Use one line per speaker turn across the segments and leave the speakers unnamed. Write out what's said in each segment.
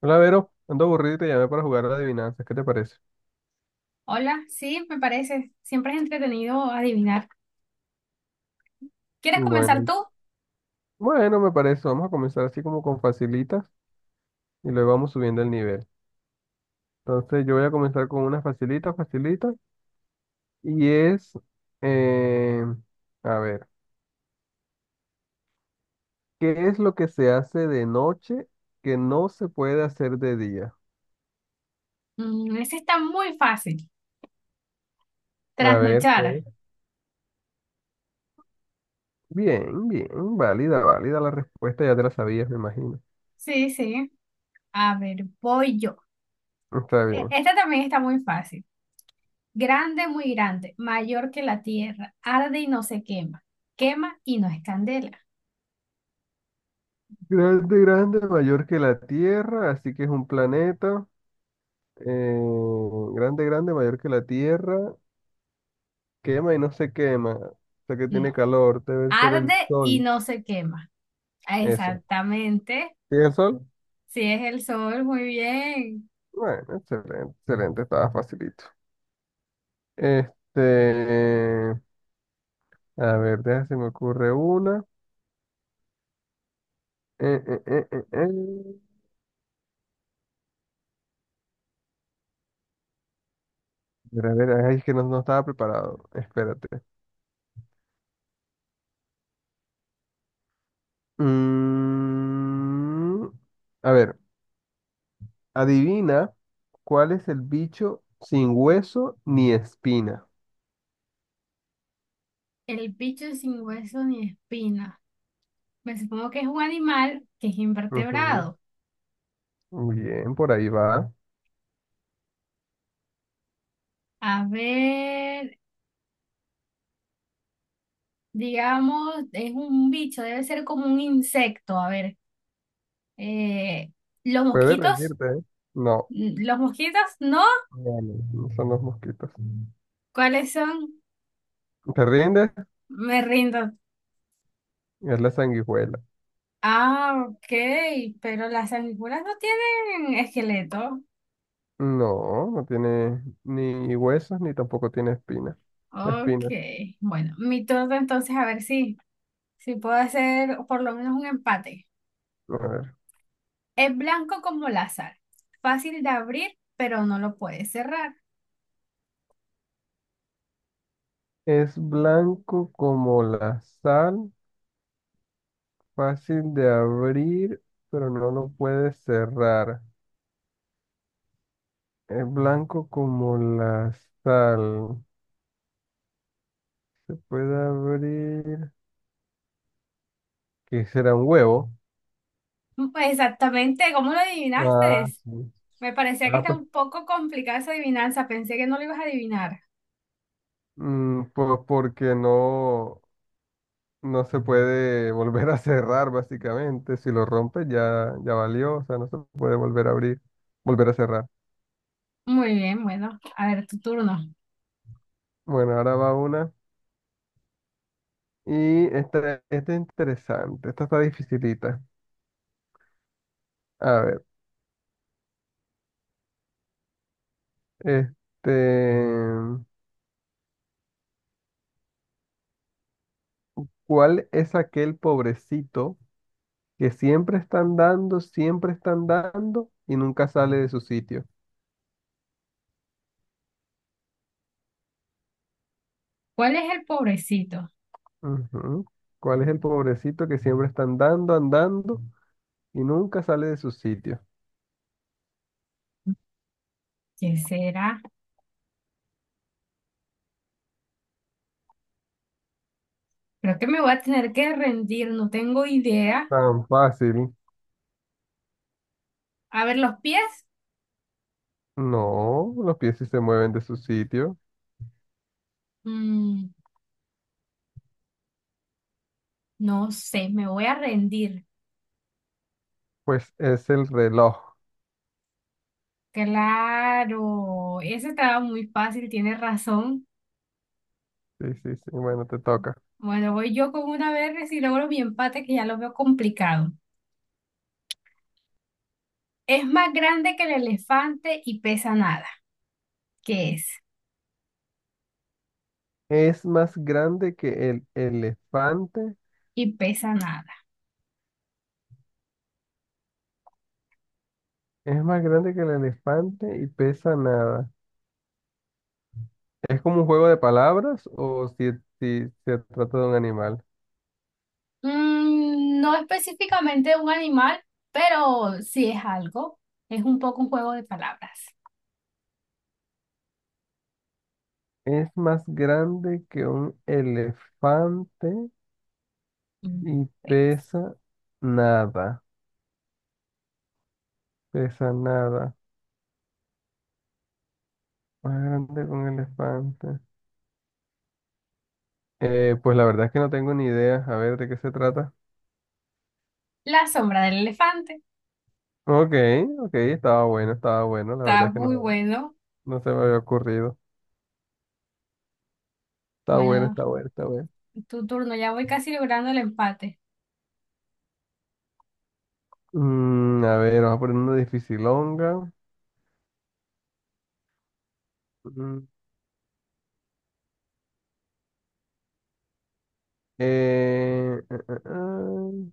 Hola, Vero. Ando aburrido y te llamé para jugar a adivinanzas. ¿Qué te parece?
Hola, sí, me parece. Siempre es entretenido adivinar. ¿Quieres
Bueno,
comenzar
y-
tú?
bueno, me parece. Vamos a comenzar así como con facilitas y luego vamos subiendo el nivel. Entonces yo voy a comenzar con una facilita, facilita. Y es, eh, a ver, ¿qué es lo que se hace de noche que no se puede hacer de día?
Mm, ese está muy fácil.
A ver, ¿qué
Trasnochar.
es? Bien, bien, válida, válida la respuesta. Ya te la sabías, me imagino.
Sí, sí. A ver, voy yo.
Está bien.
Este también está muy fácil. Grande, muy grande, mayor que la tierra, arde y no se quema. Quema y no es candela.
Grande, grande, mayor que la Tierra, así que es un planeta. Eh, grande, grande, mayor que la tierra, quema y no se quema, o sea que tiene
No,
calor, debe ser el
arde y
sol,
no se quema.
eso.
Exactamente.
¿Sí el sol?
Sí, es el sol, muy bien.
Bueno, excelente, excelente, estaba facilito. Este, a ver, déjame se me ocurre una. Eh, eh, eh, eh, eh. A ver, ay, es que no, no estaba preparado, espérate. Mm, a ver, adivina cuál es el bicho sin hueso ni espina.
El bicho sin hueso ni espina. Me supongo que es un animal que es
Ujú.
invertebrado.
Muy bien, por ahí va.
A ver, digamos, es un bicho, debe ser como un insecto. A ver, eh, ¿los
Puede
mosquitos?
rendirte, ¿eh? No,
¿Los mosquitos? ¿No?
no, no, no son los mosquitos.
¿Cuáles son?
¿Te rindes?
Me rindo.
Es la sanguijuela.
Ah, ok, pero las sanguijuelas no tienen esqueleto.
No, no tiene ni huesos ni tampoco tiene espinas.
Ok,
Espinas.
bueno, mi turno entonces a ver si puedo hacer por lo menos un empate.
A ver.
Es blanco como la sal, fácil de abrir, pero no lo puedes cerrar.
Es blanco como la sal, fácil de abrir, pero no lo puedes cerrar. Es blanco como la sal. Puede abrir. ¿Qué será un huevo?
Pues exactamente, ¿cómo lo
Ah,
adivinaste?
sí.
Me parecía que
Ah,
está
pues
un poco complicada esa adivinanza, pensé que no lo ibas a adivinar.
Pues porque no, no se puede volver a cerrar, básicamente. Si lo rompes ya, ya valió, o sea, no se puede volver a abrir, volver a cerrar.
Muy bien, bueno, a ver, tu turno.
Bueno, ahora va una. Y esta es interesante, esta está dificilita. A ver, este, ¿Cuál es aquel pobrecito que siempre están dando y nunca sale de su sitio?
¿Cuál es el pobrecito?
Ujú. ¿Cuál es el pobrecito que siempre están dando, andando? Y nunca sale de su sitio.
¿Quién será? Creo que me voy a tener que rendir, no tengo idea.
Tan fácil.
A ver, los pies.
No, los pies sí se mueven de su sitio.
Mm, no sé, me voy a rendir.
Pues es el reloj.
Claro, ese estaba muy fácil, tienes razón.
Sí, sí, sí. Bueno, te toca.
Bueno, voy yo con una vez y logro mi empate que ya lo veo complicado. Es más grande que el elefante y pesa nada. ¿Qué es?
Es más grande que el elefante.
Y pesa nada.
Es más grande que el elefante y pesa nada. ¿Es como un juego de palabras o si, si se trata de un animal?
Mm, no específicamente un animal, pero sí es algo. Es un poco un juego de palabras.
Es más grande que un elefante
Mm,
y
pues.
pesa nada. Pesa nada. Más grande que un elefante. Pues la verdad es que no tengo ni idea. A ver, ¿de qué se trata?
La sombra del elefante.
Ok, ok, estaba bueno, estaba bueno. La verdad
Está
es que no,
muy bueno.
no se me había ocurrido. Está bueno,
Bueno,
está bueno, está bueno.
tu turno. Ya voy casi logrando el empate.
Mm, a ver, vamos a poner una dificilonga. Mm, eh, eh, eh, eh.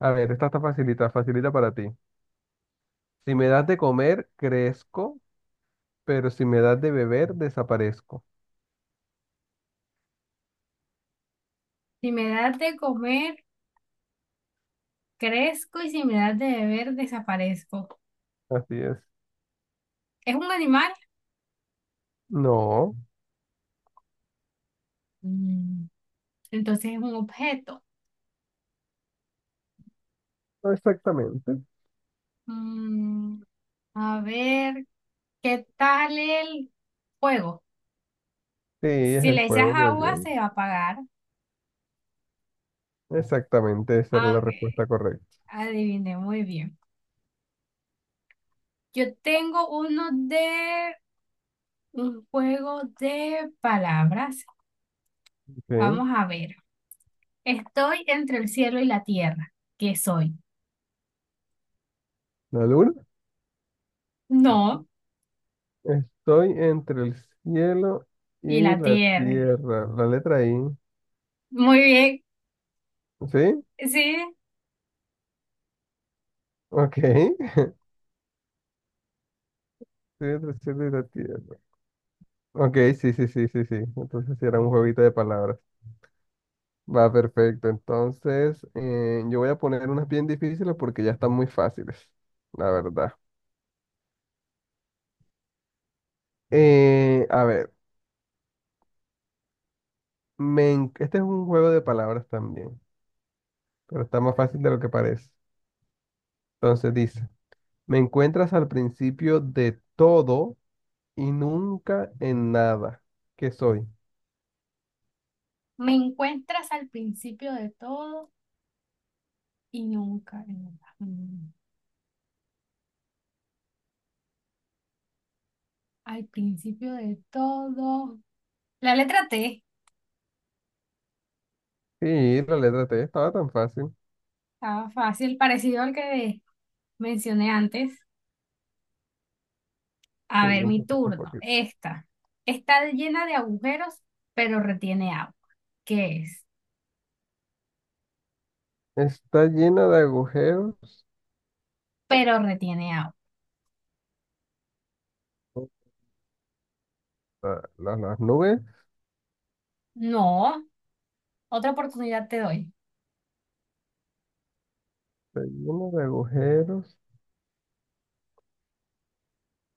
A ver, esta está facilita, facilita para ti. Si me das de comer, crezco, pero si me das de beber, desaparezco.
Si me das de comer, crezco y si me das de beber, desaparezco.
Así es.
¿Es un animal?
No,
Mm, entonces es un objeto.
no exactamente.
Mm, a ver, ¿qué tal el fuego?
Sí, es
Si
el
le echas
fuego, muy
agua,
bien.
se va a apagar.
Exactamente, esa era
Ah,
la
ok.
respuesta correcta.
Adiviné muy bien. Yo tengo uno de un juego de palabras.
Sí,
Vamos a ver. Estoy entre el cielo y la tierra. ¿Qué soy?
la luna.
No,
Estoy entre el cielo
y
y
la
la
tierra.
tierra. La letra I.
Muy bien.
¿Sí?
Sí,
Ok. Estoy entre el cielo y la tierra. Ok, sí, sí, sí, sí, sí. Entonces sí era un jueguito de palabras. Va, perfecto. Entonces, yo voy a poner unas bien difíciles porque ya están muy fáciles, la verdad. A ver, este es un juego de palabras también, pero está más fácil de lo que parece. Entonces dice, me encuentras al principio de todo y nunca en nada. ¿Qué soy?
me encuentras al principio de todo y nunca, nunca, nunca. Al principio de todo. La letra T.
Sí, la letra T estaba tan fácil.
Estaba fácil, parecido al que mencioné antes.
Sí,
A ver,
un
mi
poquito, un
turno.
poquito.
Esta. Está llena de agujeros, pero retiene agua. ¿Qué es?
Está llena de agujeros.
Pero retiene agua.
Las nubes.
No, otra oportunidad te doy.
Está llena de agujeros,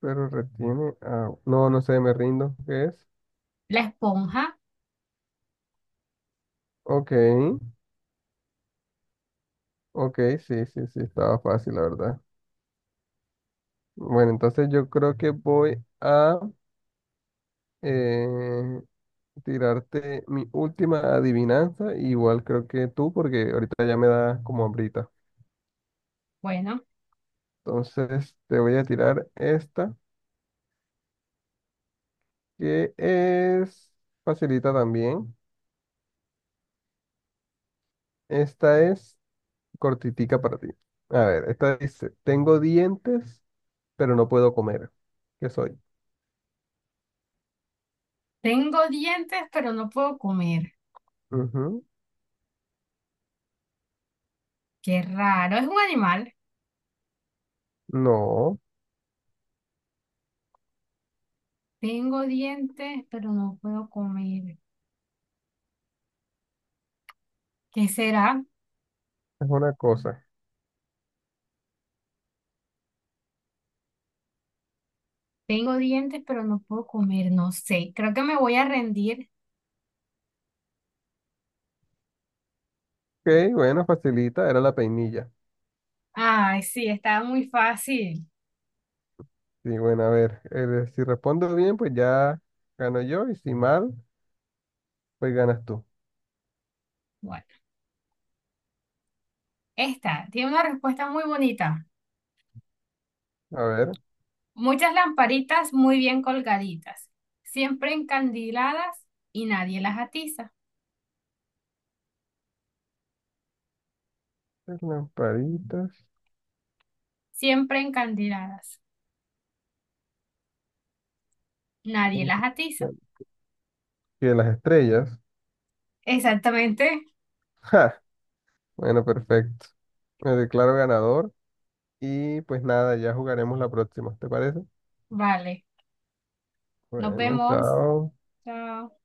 pero retiene agua. No, no sé, me rindo. ¿Qué es?
La esponja.
Ok, ok, sí, sí, sí, estaba fácil, la verdad. Bueno, entonces yo creo que voy a eh, tirarte mi última adivinanza. Igual creo que tú, porque ahorita ya me da como hambrita.
Bueno,
Entonces te voy a tirar esta, que es facilita también. Esta es cortitica para ti. A ver, esta dice, tengo dientes, pero no puedo comer. ¿Qué soy?
tengo dientes, pero no puedo comer.
Ujú.
Qué raro, es un animal.
No,
Tengo dientes, pero no puedo comer. ¿Qué será?
es una cosa.
Tengo dientes, pero no puedo comer. No sé, creo que me voy a rendir.
Ok, bueno, facilita, era la peinilla.
Ay, sí, estaba muy fácil.
Sí, bueno, a ver, si respondo bien, pues ya gano yo, y si mal, pues ganas tú.
Bueno, esta tiene una respuesta muy bonita.
A ver,
Muchas lamparitas muy bien colgaditas, siempre encandiladas y nadie las atiza.
las lamparitas,
Siempre encandiladas, nadie las atiza.
que las estrellas.
Exactamente.
Bueno, perfecto. Me declaro ganador y pues nada, ya jugaremos la próxima, ¿te parece?
Vale, nos
Bueno,
vemos.
chao.
Chao.